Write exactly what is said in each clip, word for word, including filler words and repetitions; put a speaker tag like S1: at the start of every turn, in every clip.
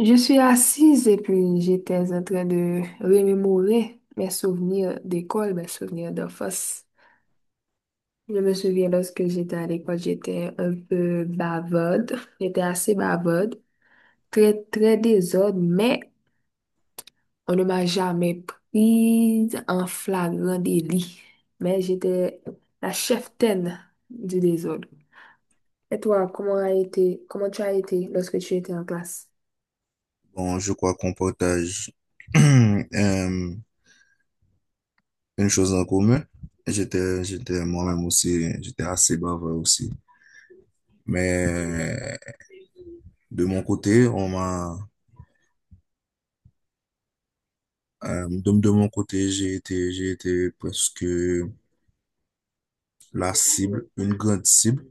S1: Je suis assise et puis j'étais en train de remémorer mes souvenirs d'école, mes souvenirs d'enfance. Je me souviens, lorsque j'étais à l'école, j'étais un peu bavarde. J'étais assez bavarde, très, très désordre, mais on ne m'a jamais prise en flagrant délit. Mais j'étais la cheftaine du désordre. Et toi, comment a été, comment tu as été lorsque tu étais en classe?
S2: Bon, je crois qu'on partage euh, une chose en commun. J'étais, j'étais moi-même aussi, j'étais assez bavard aussi. Mais de mon côté, on m'a, euh, de, de mon côté, j'ai été, j'ai été presque la cible, une grande cible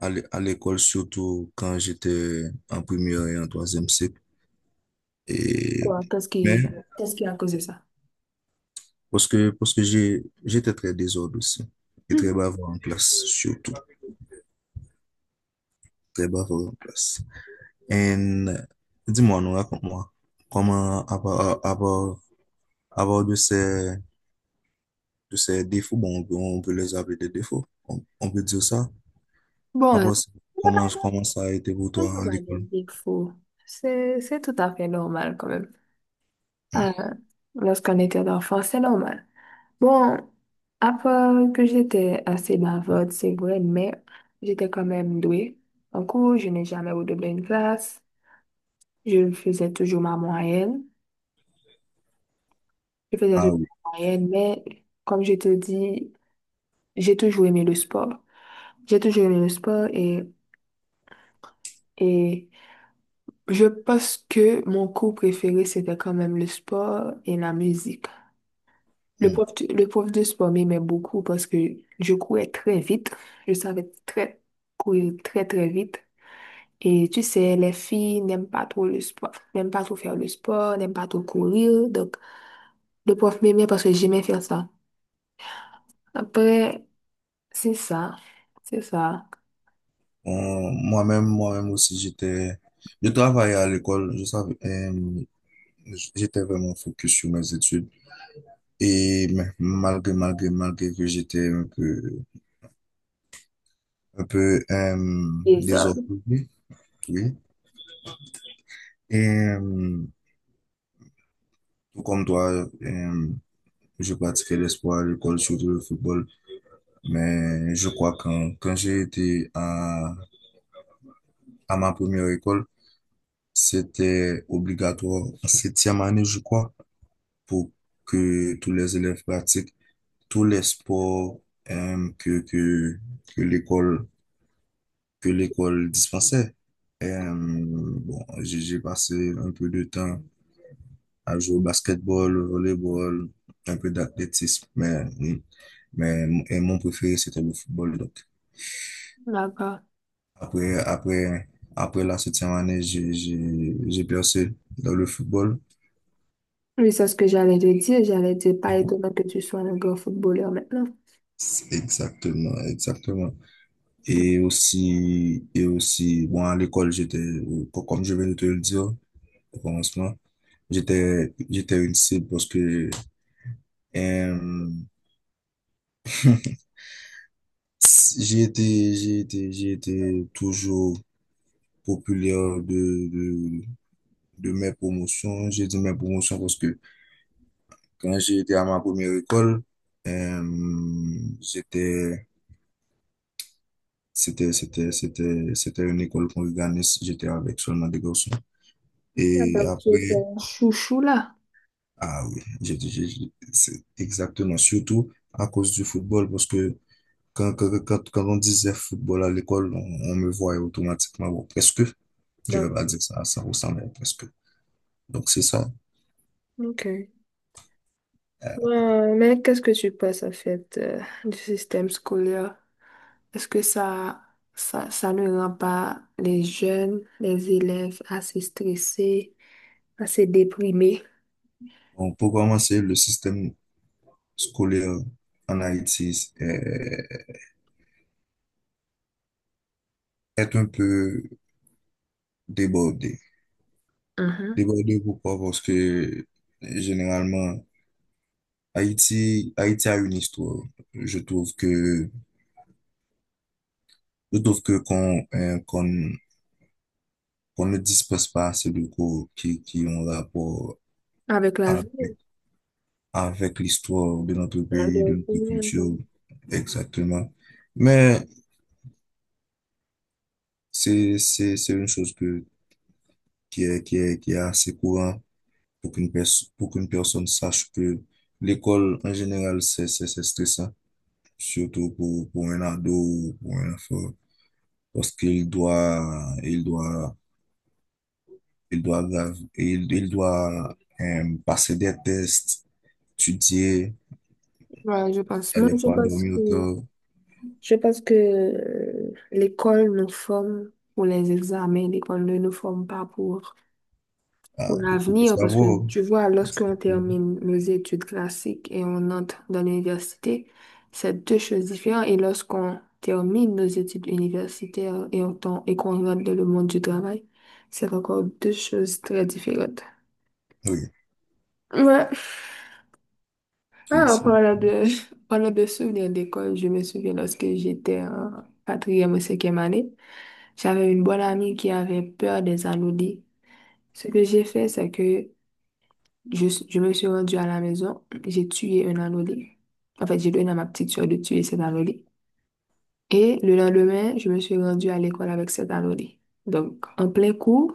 S2: à l'é- à l'école, surtout quand j'étais en première et en troisième cycle. Et,
S1: Quoi? Qu'est-ce
S2: mais
S1: qui, qu'est-ce qui a causé ça?
S2: parce que, parce que j'ai, j'étais très désordre aussi et très bavard en classe, surtout très bavard en classe. And dis-moi, nous, raconte-moi, comment, à part, à part, à part de ces, de ces défauts, bon, on peut on peut les appeler des défauts, on, on peut dire ça. À
S1: Bon, il
S2: part ça,
S1: y a
S2: comment,
S1: pas
S2: comment ça a été pour
S1: de-
S2: toi
S1: on
S2: à
S1: parle de
S2: l'école?
S1: Big Four. C'est, c'est tout à fait normal quand même.
S2: Hmm.
S1: Euh, Lorsqu'on était enfant, c'est normal. Bon, à part que j'étais assez bavarde, c'est vrai, mais j'étais quand même douée. En cours, je n'ai jamais redoublé une classe. Je faisais toujours ma moyenne. Je faisais
S2: Ah
S1: toujours
S2: oui.
S1: ma moyenne, mais comme je te dis, j'ai toujours aimé le sport. J'ai toujours aimé le sport et, et je pense que mon cours préféré, c'était quand même le sport et la musique. Le
S2: Hmm.
S1: prof, de- le prof de sport m'aimait beaucoup parce que je courais très vite. Je savais très courir très, très vite. Et tu sais, les filles n'aiment pas trop le sport, n'aiment pas trop faire le sport, n'aiment pas trop courir. Donc, le prof m'aimait parce que j'aimais faire ça. Après, c'est ça. C'est ça.
S2: On- moi-même, moi-même aussi, j'étais, je travaillais à l'école, je savais, euh, j'étais vraiment focus sur mes études. Et ma- malgré, malgré, malgré que j'étais un peu, un peu, euh,
S1: Désordre.
S2: désordonné, oui. Et euh, comme toi, euh, je pratiquais le sport à l'école, surtout le football. Mais je crois que quand, quand j'ai été à, à ma première école, c'était obligatoire en septième année, je crois, pour que tous les élèves pratiquent tous les sports euh, que, que, que l'école, que l'école dispensait. Euh, bon, j'ai j'ai passé un peu de temps à jouer au basketball, au volleyball, un peu d'athlétisme, mais, mais et mon préféré, c'était le football. Donc,
S1: D'accord.
S2: après, après, après la septième année, j'ai, j'ai, j'ai percé dans le football.
S1: Oui, c'est ce que j'allais te dire. J'allais te dire, pas étonnant que tu sois un grand footballeur maintenant.
S2: Exactement, exactement. Et aussi, et aussi, bon, à l'école, j'étais, co- comme je viens de te le dire au commencement, j'étais, j'étais une cible parce que euh, j'ai été, j'ai été, j'ai été toujours populaire de, de, de mes promotions. J'ai dit mes promotions parce que quand j'ai été à ma première école, euh, j'étais, c'était, c'était, c'était, c'était une école qu'on organise. J'étais avec seulement des garçons.
S1: Ah,
S2: Et
S1: donc tu es
S2: après,
S1: ton chouchou là.
S2: ah oui, j'ai, j'ai- j'ai- c'est exactement, surtout à cause du football parce que quand, quand, quand, quand on disait football à l'école, on, on me voyait automatiquement, bon, presque. Je vais pas
S1: D'accord.
S2: dire ça à cent pour cent, mais presque. Donc, c'est ça.
S1: Ok.
S2: Euh,
S1: Ouais, mais qu'est-ce que tu penses en fait, euh, du système scolaire? Est-ce que ça, ça, ça ne rend pas les jeunes, les élèves assez stressés, assez déprimés?
S2: on peut commencer le système scolaire en Haïti euh, est un peu débordé.
S1: Mhm.
S2: Débordé pourquoi? Parce que généralement, Haïti, Haïti a une histoire. Je trouve que, je trouve que qu'on euh, qu'on qu'on ne dispose pas assez de cours qui, qui ont rapport
S1: Avec la vie?
S2: avec, avec l'histoire de notre pays,
S1: Alors,
S2: de notre
S1: combien de
S2: culture,
S1: temps.
S2: exactement. Mais c'est, c'est, c'est une chose que, qui est, qui est, qui est assez courant pour qu'une pers- pour qu'une personne sache que l'école, en général, c'est, c'est, c'est stressant, surtout pour, pour un ado ou pour un enfant, parce qu'il doit, il doit, il doit, grave- il, il doit euh, passer des tests, étudier,
S1: Voilà, je pense.
S2: il
S1: Moi,
S2: y a des
S1: je
S2: fois
S1: pense
S2: dormir
S1: que,
S2: autant,
S1: je pense que euh, l'école nous forme pour les examens, l'école ne nous forme pas pour,
S2: ah,
S1: pour
S2: oui, pour le
S1: l'avenir, parce que
S2: savoir.
S1: tu vois, lorsqu'on
S2: Mhm.
S1: termine nos études classiques et on entre dans l'université, c'est deux choses différentes. Et lorsqu'on termine nos études universitaires et on tombe- et qu'on rentre dans le monde du travail, c'est encore deux choses très différentes.
S2: Oui,
S1: Ouais.
S2: oui,
S1: Ah, en
S2: c'est-
S1: parlant de, en parlant de souvenirs d'école, je me souviens lorsque j'étais en quatrième ou cinquième année, j'avais une bonne amie qui avait peur des anolis. Ce que j'ai fait, c'est que je, je me suis rendue à la maison, j'ai tué un anolis. En fait, j'ai donné à ma petite soeur de tuer cet anolis. Et le lendemain, je me suis rendue à l'école avec cet anolis. Donc, en plein cours,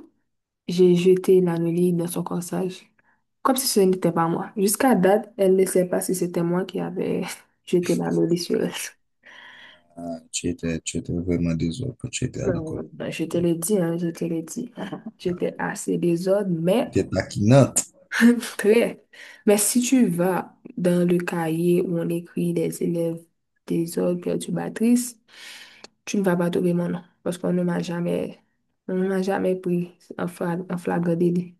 S1: j'ai jeté l'anneau dans son corsage, comme si ce n'était pas moi. Jusqu'à date, elle ne sait pas si c'était moi qui avais jeté l'anneau sur elle.
S2: ah, tu étais, tu étais vraiment désolé quand tu étais à l'école.
S1: Bon, ben, je te l'ai dit, hein, je te l'ai dit.
S2: Ah,
S1: J'étais assez désordre, mais
S2: tu étais taquinante.
S1: très. Mais si tu vas dans le cahier où on écrit des élèves désordres perturbatrices, tu ne vas pas trouver mon nom, parce qu'on ne m'a jamais, on ne m'a jamais pris en fla- en flagrant délit.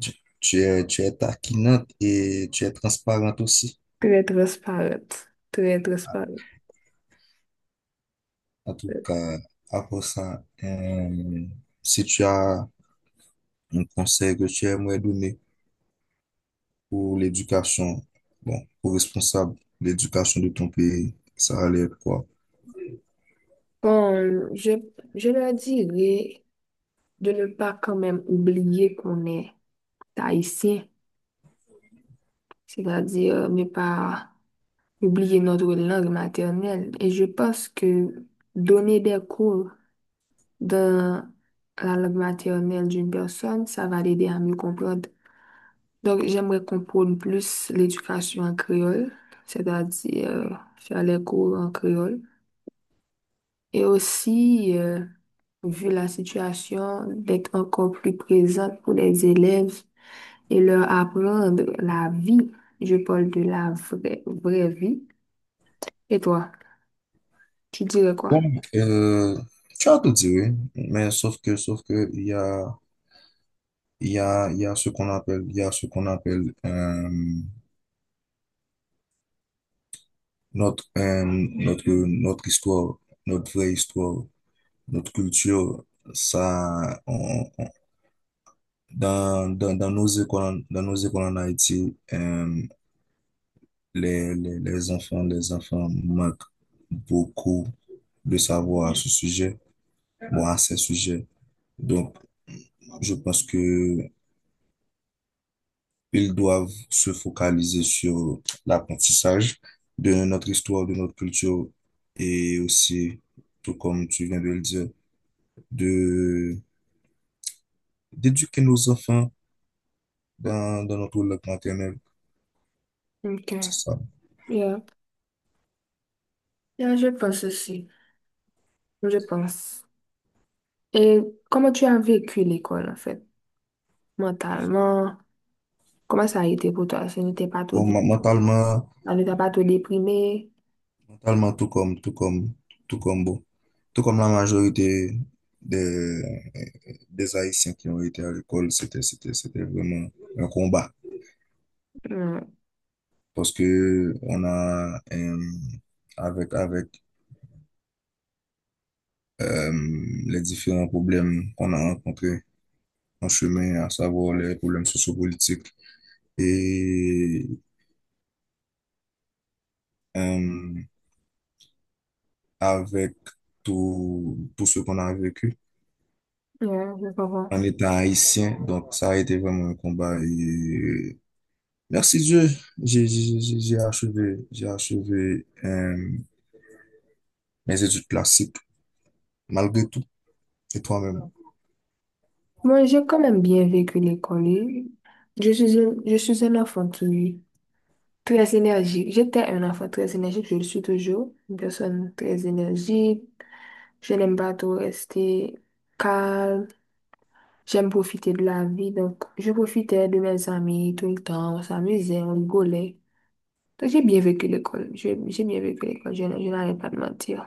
S2: Tu, tu es, tu es taquinante et tu es transparente aussi.
S1: Très transparente, très transparente.
S2: En tout cas, après ça, euh, si tu as un conseil que tu aimerais donner pour l'éducation, bon, pour responsable de l'éducation de ton pays, ça allait être quoi?
S1: Bon, je, je leur dirais de ne pas quand même oublier qu'on est haïtien, c'est-à-dire, euh, ne pas oublier notre langue maternelle. Et je pense que donner des cours dans la langue maternelle d'une personne, ça va l'aider à mieux comprendre. Donc, j'aimerais qu'on prône plus l'éducation en créole, c'est-à-dire, euh, faire les cours en créole. Et aussi, euh, vu la situation, d'être encore plus présente pour les élèves et leur apprendre la vie. Je parle de la vraie, vraie vie. Et toi, tu dirais quoi?
S2: Bon, euh, tu as tout dit, oui, mais sauf que, sauf que, il y a, il y a, il y a ce qu'on appelle, il y a ce qu'on appelle, euh, notre, euh, notre, notre histoire, notre vraie histoire, notre culture, ça, on, Dans, dans, dans nos écoles, dans nos écoles en Haïti, euh, les, les, les enfants, les enfants manquent beaucoup de savoir à ce sujet, bon, à ces sujets. Donc, je pense que ils doivent se focaliser sur l'apprentissage de notre histoire, de notre culture et aussi, tout comme tu viens de le dire, de, d'éduquer nos enfants dans, dans notre langue maternelle.
S1: Ok.
S2: C'est ça.
S1: Yeah. Yeah, je pense aussi. Je pense. Et comment tu as vécu l'école, en fait, mentalement? Comment ça a été pour toi? Ça n'était pas trop
S2: Bon, ma-
S1: difficile.
S2: mentalement,
S1: Ça ne t'a pas trop déprimé?
S2: totalement tout comme, tout comme, tout comme vous. Tout comme la majorité des, des Haïtiens qui ont été à l'école, c'était, c'était, c'était vraiment un combat.
S1: Hmm.
S2: Parce que on a, euh, avec, avec euh, les différents problèmes qu'on a rencontrés en chemin, à savoir les problèmes sociopolitiques et euh, avec tout, tout ce qu'on a vécu
S1: Yeah, je comprends.
S2: en étant haïtien, donc ça a été vraiment un combat et merci Dieu, j'ai j'ai- j'ai- j'ai achevé, j'ai achevé euh, mes études classiques malgré tout. Et toi-même?
S1: Moi, j'ai quand même bien vécu l'école. Je suis un, je suis un enfant qui. Très énergique. J'étais un enfant très énergique, je le suis toujours. Une personne très énergique. Je n'aime pas trop rester calme. J'aime profiter de la vie. Donc, je profitais de mes amis tout le temps. On s'amusait, on rigolait. Donc, j'ai bien vécu l'école. J'ai j'ai bien vécu l'école. Je, n- je n'allais pas de mentir.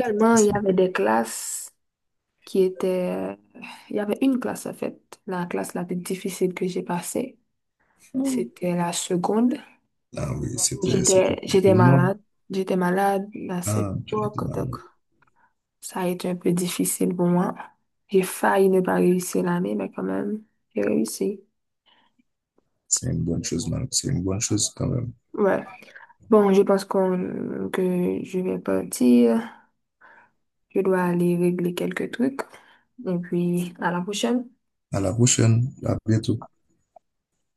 S1: Seulement, il y avait des classes qui étaient... Il y avait une classe, en fait. La classe la plus difficile que j'ai passée, c'était la seconde.
S2: Ah oui, c'était c'était
S1: J'étais,
S2: pour tout
S1: j'étais
S2: le monde.
S1: malade. J'étais malade à cette
S2: Ah, tu as été
S1: époque, donc
S2: malade.
S1: ça a été un peu difficile pour moi. J'ai failli ne pas réussir l'année, mais quand même, j'ai réussi.
S2: C'est une bonne chose, malade. C'est une bonne chose quand même.
S1: Ouais. Bon, je pense qu'on, que je vais partir. Je dois aller régler quelques trucs. Et puis, à la prochaine.
S2: À la prochaine, à bientôt.